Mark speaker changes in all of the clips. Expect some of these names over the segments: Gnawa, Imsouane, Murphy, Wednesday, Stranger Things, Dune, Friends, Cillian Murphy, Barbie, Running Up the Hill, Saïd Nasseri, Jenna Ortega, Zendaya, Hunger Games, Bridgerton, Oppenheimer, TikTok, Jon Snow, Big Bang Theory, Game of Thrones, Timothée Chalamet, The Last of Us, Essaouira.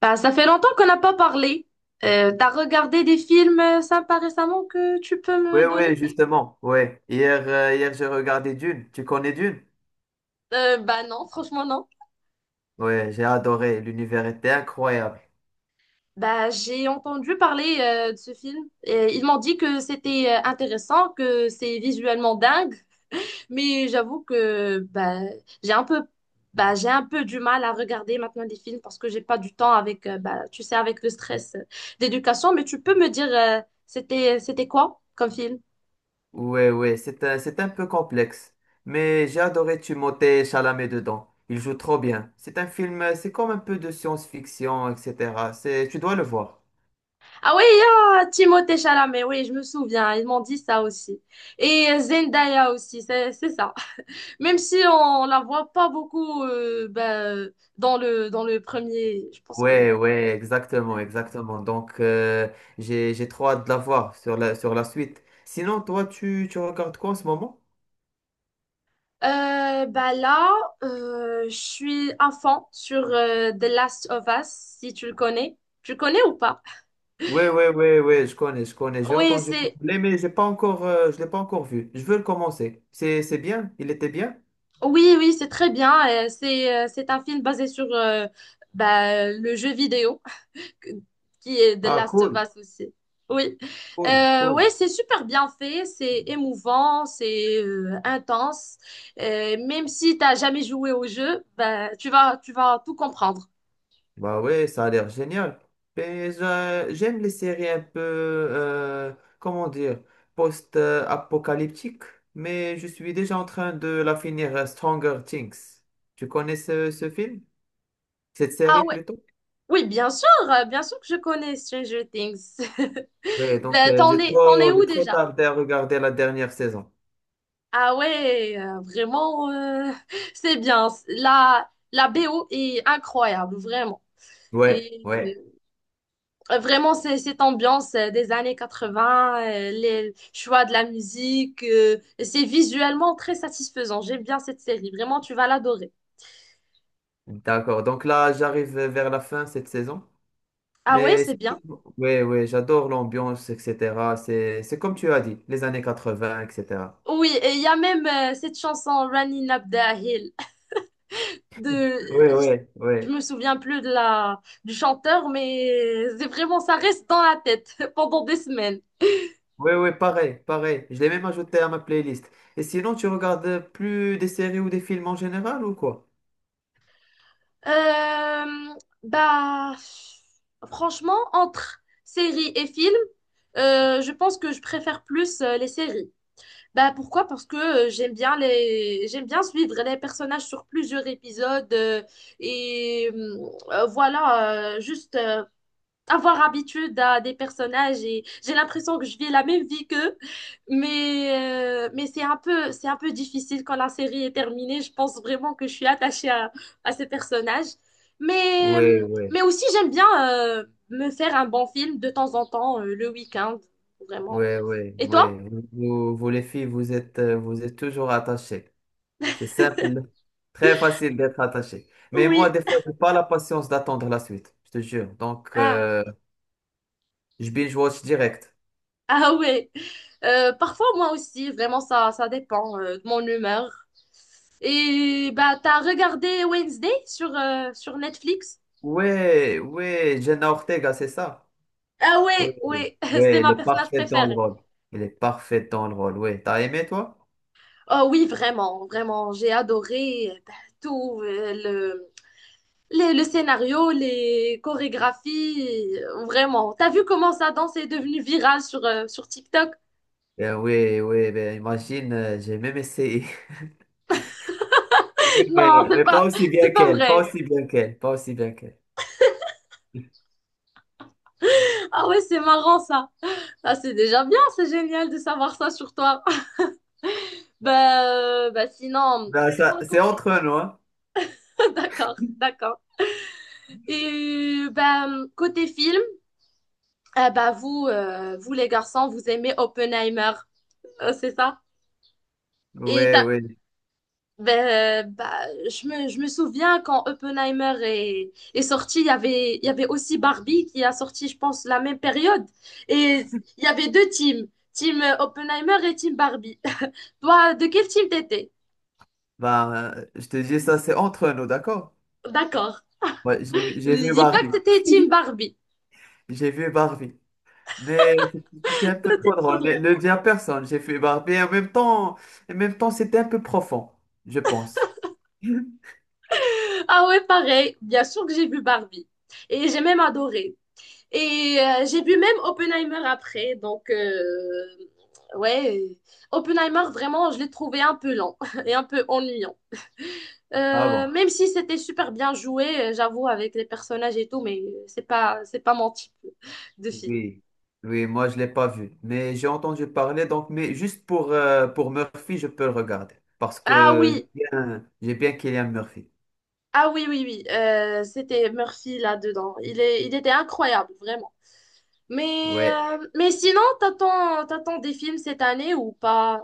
Speaker 1: Bah, ça fait longtemps qu'on n'a pas parlé. T'as regardé des films sympas récemment que tu peux
Speaker 2: Oui,
Speaker 1: me donner?
Speaker 2: oui, justement, ouais. Hier, hier j'ai regardé Dune. Tu connais Dune?
Speaker 1: Bah non, franchement non.
Speaker 2: Ouais, j'ai adoré. L'univers était incroyable.
Speaker 1: Bah j'ai entendu parler de ce film et ils m'ont dit que c'était intéressant, que c'est visuellement dingue, mais j'avoue que bah j'ai un peu j'ai un peu du mal à regarder maintenant des films parce que j'ai pas du temps avec bah tu sais avec le stress d'éducation, mais tu peux me dire c'était quoi comme film?
Speaker 2: Ouais, ouais, c'est un peu complexe. Mais j'ai adoré Timothée Chalamet dedans. Il joue trop bien. C'est un film, c'est comme un peu de science-fiction, etc. Tu dois le voir.
Speaker 1: Ah oui, ah, Timothée Chalamet, oui, je me souviens, ils m'ont dit ça aussi. Et Zendaya aussi, c'est ça. Même si on la voit pas beaucoup ben, dans le premier, je pense que
Speaker 2: Ouais, ouais, exactement,
Speaker 1: ouais.
Speaker 2: exactement. Donc, j'ai trop hâte de la voir sur sur la suite. Sinon, toi, tu regardes quoi en ce moment?
Speaker 1: Bah là, je suis à fond sur The Last of Us, si tu le connais. Tu le connais ou pas?
Speaker 2: Ouais, ouais, ouais, ouais, je connais, j'ai
Speaker 1: Oui,
Speaker 2: entendu
Speaker 1: c'est
Speaker 2: parler, mais j'ai pas encore, je l'ai pas encore vu. Je veux le commencer. C'est bien, il était bien.
Speaker 1: oui, oui, c'est très bien. C'est un film basé sur bah, le jeu vidéo, qui est The
Speaker 2: Ah,
Speaker 1: Last of
Speaker 2: cool,
Speaker 1: Us aussi. Oui,
Speaker 2: cool, cool.
Speaker 1: ouais, c'est super bien fait, c'est émouvant, c'est intense. Même si t'as jamais joué au jeu, ben, tu vas tout comprendre.
Speaker 2: Bah ouais, ça a l'air génial. Mais j'aime les séries un peu, comment dire, post-apocalyptiques, mais je suis déjà en train de la finir, Stranger Things. Tu connais ce film? Cette
Speaker 1: Ah
Speaker 2: série
Speaker 1: ouais,
Speaker 2: plutôt?
Speaker 1: oui, bien sûr que je connais Stranger Things.
Speaker 2: Ouais, donc
Speaker 1: Ben, t'en es, t'en es où
Speaker 2: j'ai trop
Speaker 1: déjà?
Speaker 2: tardé à regarder la dernière saison.
Speaker 1: Ah ouais, vraiment, c'est bien. La BO est incroyable, vraiment.
Speaker 2: Ouais,
Speaker 1: Et
Speaker 2: ouais.
Speaker 1: vraiment, c'est cette ambiance des années 80, les choix de la musique, c'est visuellement très satisfaisant. J'aime bien cette série. Vraiment, tu vas l'adorer.
Speaker 2: D'accord. Donc là, j'arrive vers la fin cette saison.
Speaker 1: Ah ouais,
Speaker 2: Mais
Speaker 1: c'est
Speaker 2: c'est-
Speaker 1: bien.
Speaker 2: ouais, ouais, j'adore l'ambiance, etc. C'est comme tu as dit, les années 80, etc.
Speaker 1: Oui, et il y a même cette chanson Running Up the Hill,
Speaker 2: Ouais,
Speaker 1: de
Speaker 2: ouais,
Speaker 1: je
Speaker 2: ouais.
Speaker 1: me souviens plus de la du chanteur, mais c'est vraiment, ça reste dans la tête pendant des semaines.
Speaker 2: Ouais, ouais, pareil, pareil. Je l'ai même ajouté à ma playlist. Et sinon, tu regardes plus des séries ou des films en général ou quoi?
Speaker 1: Euh, Bah, franchement, entre séries et films, je pense que je préfère plus les séries. Bah, pourquoi? Parce que j'aime bien j'aime bien suivre les personnages sur plusieurs épisodes et voilà, juste avoir habitude à des personnages et j'ai l'impression que je vis la même vie qu'eux. Mais c'est un peu difficile quand la série est terminée. Je pense vraiment que je suis attachée à ces personnages. Mais,
Speaker 2: Ouais, ouais,
Speaker 1: mais aussi, j'aime bien euh, me faire un bon film de temps en temps, le week-end, vraiment.
Speaker 2: ouais, ouais,
Speaker 1: Et toi?
Speaker 2: ouais. Vous, vous, les filles, vous êtes toujours attachées. C'est simple, très facile d'être attaché. Mais moi,
Speaker 1: Oui.
Speaker 2: des fois, j'ai pas la patience d'attendre la suite, je te jure. Donc,
Speaker 1: Ah,
Speaker 2: je binge-watch direct.
Speaker 1: ah ouais. Parfois, moi aussi, vraiment, ça dépend de mon humeur. Et bah, t'as regardé Wednesday sur Netflix?
Speaker 2: Ouais, ouais, Jenna Ortega, c'est ça.
Speaker 1: Ah
Speaker 2: Ouais,
Speaker 1: oui, oui,
Speaker 2: ouais,
Speaker 1: c'est
Speaker 2: elle
Speaker 1: ma
Speaker 2: est
Speaker 1: personnage
Speaker 2: parfaite dans le
Speaker 1: préférée.
Speaker 2: rôle. Elle est parfaite dans le rôle, ouais. T'as aimé, toi?
Speaker 1: Oh oui, vraiment, vraiment, j'ai adoré bah, tout le scénario, les chorégraphies, vraiment. T'as vu comment sa danse est devenue virale sur TikTok?
Speaker 2: Ben ouais, ouais, ben imagine, j'ai même essayé. Oui,
Speaker 1: Non,
Speaker 2: Mais, mais pas aussi
Speaker 1: c'est
Speaker 2: bien
Speaker 1: pas
Speaker 2: qu'elle, pas
Speaker 1: vrai.
Speaker 2: aussi bien qu'elle, pas aussi bien qu'elle.
Speaker 1: Ah ouais, c'est marrant ça. Ah, c'est déjà bien, c'est génial de savoir ça sur toi. Bah, bah sinon,
Speaker 2: Ben ça,
Speaker 1: sinon
Speaker 2: c'est
Speaker 1: côté.
Speaker 2: entre nous, hein.
Speaker 1: D'accord, d'accord. Et bah, côté film. Ah bah vous les garçons, vous aimez Oppenheimer, c'est ça? Et
Speaker 2: Ouais,
Speaker 1: t'as-
Speaker 2: ouais.
Speaker 1: ben, bah, je me souviens quand Oppenheimer est sorti, il y avait aussi Barbie qui a sorti, je pense, la même période. Et il y avait deux teams, team Oppenheimer et team Barbie. Toi, de quel team t'étais?
Speaker 2: Ben, je te dis ça, c'est entre nous, d'accord?
Speaker 1: D'accord.
Speaker 2: Ouais, j'ai
Speaker 1: Je
Speaker 2: vu
Speaker 1: dis pas
Speaker 2: Barbie.
Speaker 1: que t'étais team Barbie.
Speaker 2: J'ai vu Barbie. Mais c'était un peu
Speaker 1: C'était
Speaker 2: trop
Speaker 1: trop
Speaker 2: drôle.
Speaker 1: drôle.
Speaker 2: Ne le dis à personne, j'ai fait barbe. Mais en même temps, c'était un peu profond, je pense.
Speaker 1: Ah ouais, pareil. Bien sûr que j'ai vu Barbie. Et j'ai même adoré. Et j'ai vu même Oppenheimer après. Donc, ouais, Oppenheimer, vraiment, je l'ai trouvé un peu lent et un peu ennuyant.
Speaker 2: Ah bon?
Speaker 1: Même si c'était super bien joué, j'avoue, avec les personnages et tout, mais c'est pas mon type de film.
Speaker 2: Oui. Oui, moi, je ne l'ai pas vu. Mais j'ai entendu parler, donc, mais juste pour Murphy, je peux le regarder. Parce
Speaker 1: Ah
Speaker 2: que
Speaker 1: oui,
Speaker 2: j'ai bien Cillian Murphy.
Speaker 1: ah oui, oui, oui, c'était Murphy là-dedans. Il était incroyable, vraiment. Mais,
Speaker 2: Ouais.
Speaker 1: euh, mais sinon, t'attends des films cette année ou pas?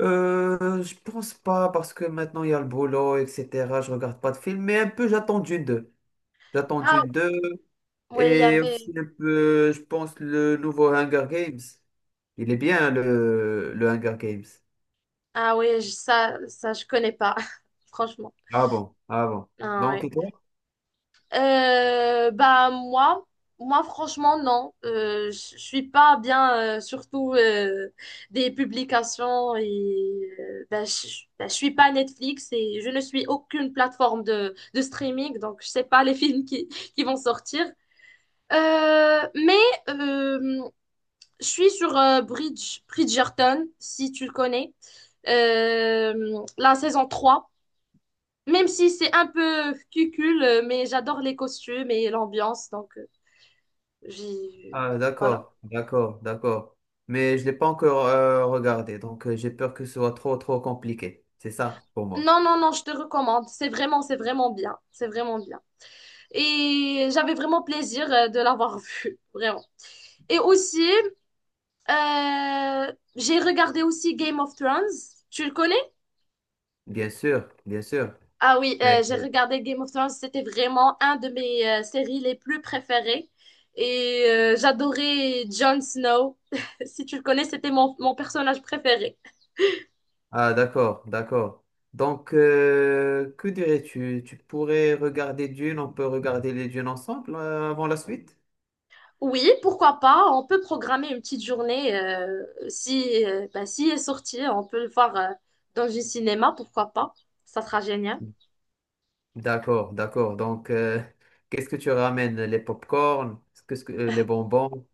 Speaker 2: Je pense pas, parce que maintenant, il y a le boulot, etc. Je regarde pas de film, mais un peu, j'attends Dune deux. J'attends
Speaker 1: Ah
Speaker 2: Dune deux.
Speaker 1: ouais, il y
Speaker 2: Et
Speaker 1: avait.
Speaker 2: aussi un peu, je pense, le nouveau Hunger Games. Il est bien, le Hunger Games.
Speaker 1: Ah oui, ça, je connais pas, franchement.
Speaker 2: Ah bon, ah bon.
Speaker 1: Ah
Speaker 2: Donc,
Speaker 1: ouais.
Speaker 2: et toi?
Speaker 1: Bah moi franchement non. Je suis pas bien, surtout des publications et bah, bah, je suis pas Netflix et je ne suis aucune plateforme de streaming, donc je sais pas les films qui vont sortir. Mais euh, je suis sur Bridgerton, si tu le connais. La saison 3. Même si c'est un peu cucul, mais j'adore les costumes et l'ambiance, donc j'y.
Speaker 2: Ah,
Speaker 1: Voilà.
Speaker 2: d'accord, d'accord, d'accord. Mais je ne l'ai pas encore regardé, donc j'ai peur que ce soit trop, trop compliqué. C'est ça pour moi.
Speaker 1: Non, non, non, je te recommande. C'est vraiment bien. C'est vraiment bien. Et j'avais vraiment plaisir de l'avoir vu, vraiment. Et aussi, j'ai regardé aussi Game of Thrones. Tu le connais?
Speaker 2: Bien sûr, bien sûr.
Speaker 1: Ah oui,
Speaker 2: Mais,
Speaker 1: j'ai regardé Game of Thrones. C'était vraiment un de mes séries les plus préférées. Et j'adorais Jon Snow. Si tu le connais, c'était mon personnage préféré.
Speaker 2: ah, d'accord, d'accord. Donc, que dirais-tu? Tu pourrais regarder Dune, on peut regarder les Dunes ensemble avant la suite?
Speaker 1: Oui, pourquoi pas? On peut programmer une petite journée. Si, bah, si est sorti, on peut le voir dans un cinéma, pourquoi pas? Ça sera génial.
Speaker 2: D'accord, d'accord. Donc, qu'est-ce que tu ramènes? Les pop corn. Qu'est-ce que, les bonbons?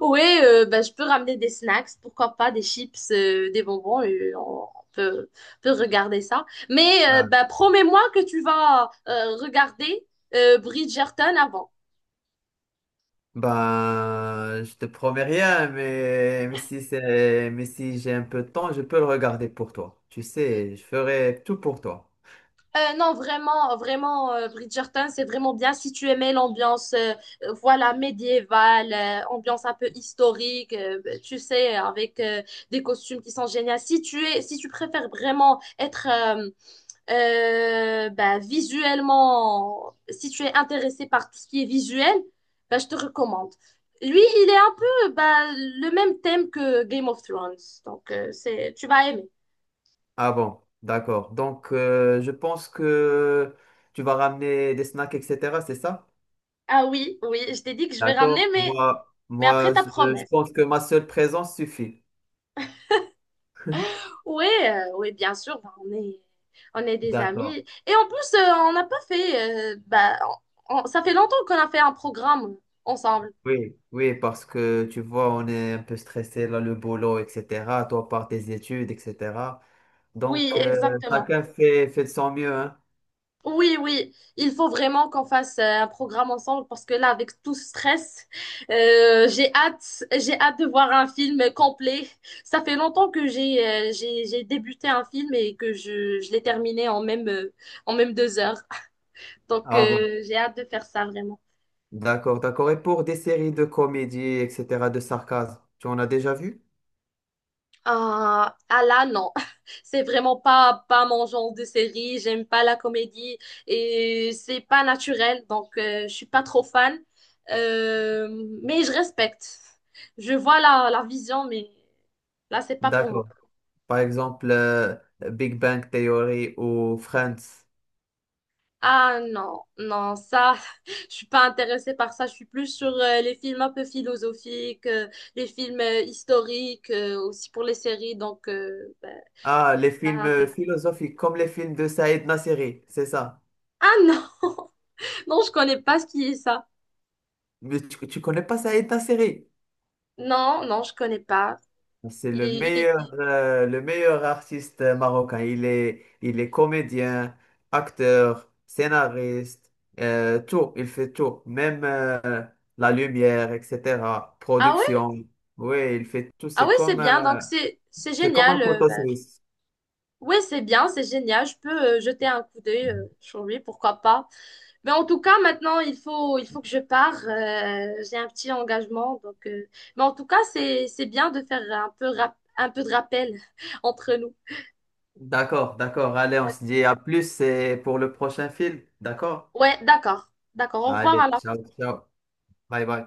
Speaker 1: Oui, bah, je peux ramener des snacks, pourquoi pas, des chips, des bonbons, et peut regarder ça. Mais
Speaker 2: Ah.
Speaker 1: bah, promets-moi que tu vas regarder Bridgerton avant.
Speaker 2: Ben, je te promets rien, mais si c'est, mais si j'ai un peu de temps, je peux le regarder pour toi. Tu sais, je ferai tout pour toi.
Speaker 1: Non, vraiment, vraiment, Bridgerton, c'est vraiment bien si tu aimais l'ambiance, voilà, médiévale, ambiance un peu historique, bah, tu sais, avec des costumes qui sont géniaux. Si tu préfères vraiment être bah, visuellement, si tu es intéressé par tout ce qui est visuel, bah, je te recommande. Lui, il est un peu bah, le même thème que Game of Thrones, donc tu vas aimer.
Speaker 2: Ah bon, d'accord. Donc, je pense que tu vas ramener des snacks, etc. C'est ça?
Speaker 1: Ah oui, oui, je t'ai dit que je vais ramener,
Speaker 2: D'accord.
Speaker 1: mais,
Speaker 2: Moi,
Speaker 1: après
Speaker 2: moi,
Speaker 1: ta
Speaker 2: je
Speaker 1: promesse.
Speaker 2: pense que ma seule présence suffit.
Speaker 1: Oui, oui, bien sûr, bah, on est des amis.
Speaker 2: D'accord.
Speaker 1: Et en plus, on n'a pas fait, bah, ça fait longtemps qu'on a fait un programme ensemble.
Speaker 2: Oui, oui, parce que tu vois, on est un peu stressé, là, le boulot, etc. Toi, par tes études, etc.
Speaker 1: Oui,
Speaker 2: Donc,
Speaker 1: exactement.
Speaker 2: chacun fait de son mieux, hein.
Speaker 1: Oui, oui, il faut vraiment qu'on fasse un programme ensemble parce que là, avec tout ce stress, j'ai hâte de voir un film complet. Ça fait longtemps que j'ai débuté un film et que je l'ai terminé en même 2 heures. Donc,
Speaker 2: Ah bon,
Speaker 1: j'ai hâte de faire ça vraiment.
Speaker 2: d'accord, d'accord. Et pour des séries de comédie, etc., de sarcasme, tu en as déjà vu?
Speaker 1: Ah, ah là, non. C'est vraiment pas mon genre de série. J'aime pas la comédie et c'est pas naturel. Donc, je suis pas trop fan. Euh, mais je respecte. Je vois la vision, mais là, c'est pas pour moi.
Speaker 2: D'accord. Par exemple, Big Bang Theory ou Friends.
Speaker 1: Ah non, non, ça, je suis pas intéressée par ça. Je suis plus sur les films un peu philosophiques, les films historiques, aussi pour les séries. Donc, ben,
Speaker 2: Ah, les
Speaker 1: pas
Speaker 2: films
Speaker 1: intéressée.
Speaker 2: philosophiques, comme les films de Saïd Nasseri, c'est ça.
Speaker 1: Ah non, non, je connais pas ce qui est ça.
Speaker 2: Mais tu connais pas Saïd Nasseri?
Speaker 1: Non, non, je connais pas.
Speaker 2: C'est
Speaker 1: Il est, il est.
Speaker 2: le meilleur artiste marocain. Il est comédien, acteur, scénariste, tout. Il fait tout. Même la lumière, etc.
Speaker 1: Ah ouais?
Speaker 2: Production. Oui, il fait tout.
Speaker 1: Ah ouais, c'est bien. Donc, c'est
Speaker 2: C'est comme un
Speaker 1: génial. euh,
Speaker 2: couteau
Speaker 1: bah,
Speaker 2: suisse.
Speaker 1: ouais, c'est bien, c'est génial. Je peux jeter un coup d'œil sur lui, pourquoi pas. Mais en tout cas, maintenant, il faut que je pars. J'ai un petit engagement. Donc, mais en tout cas, c'est bien de faire un peu de rappel entre nous.
Speaker 2: D'accord, d'accord. Allez, on se dit à plus et pour le prochain film. D'accord?
Speaker 1: Ouais, d'accord. D'accord. Au
Speaker 2: Allez,
Speaker 1: revoir.
Speaker 2: ciao, ciao. Bye, bye.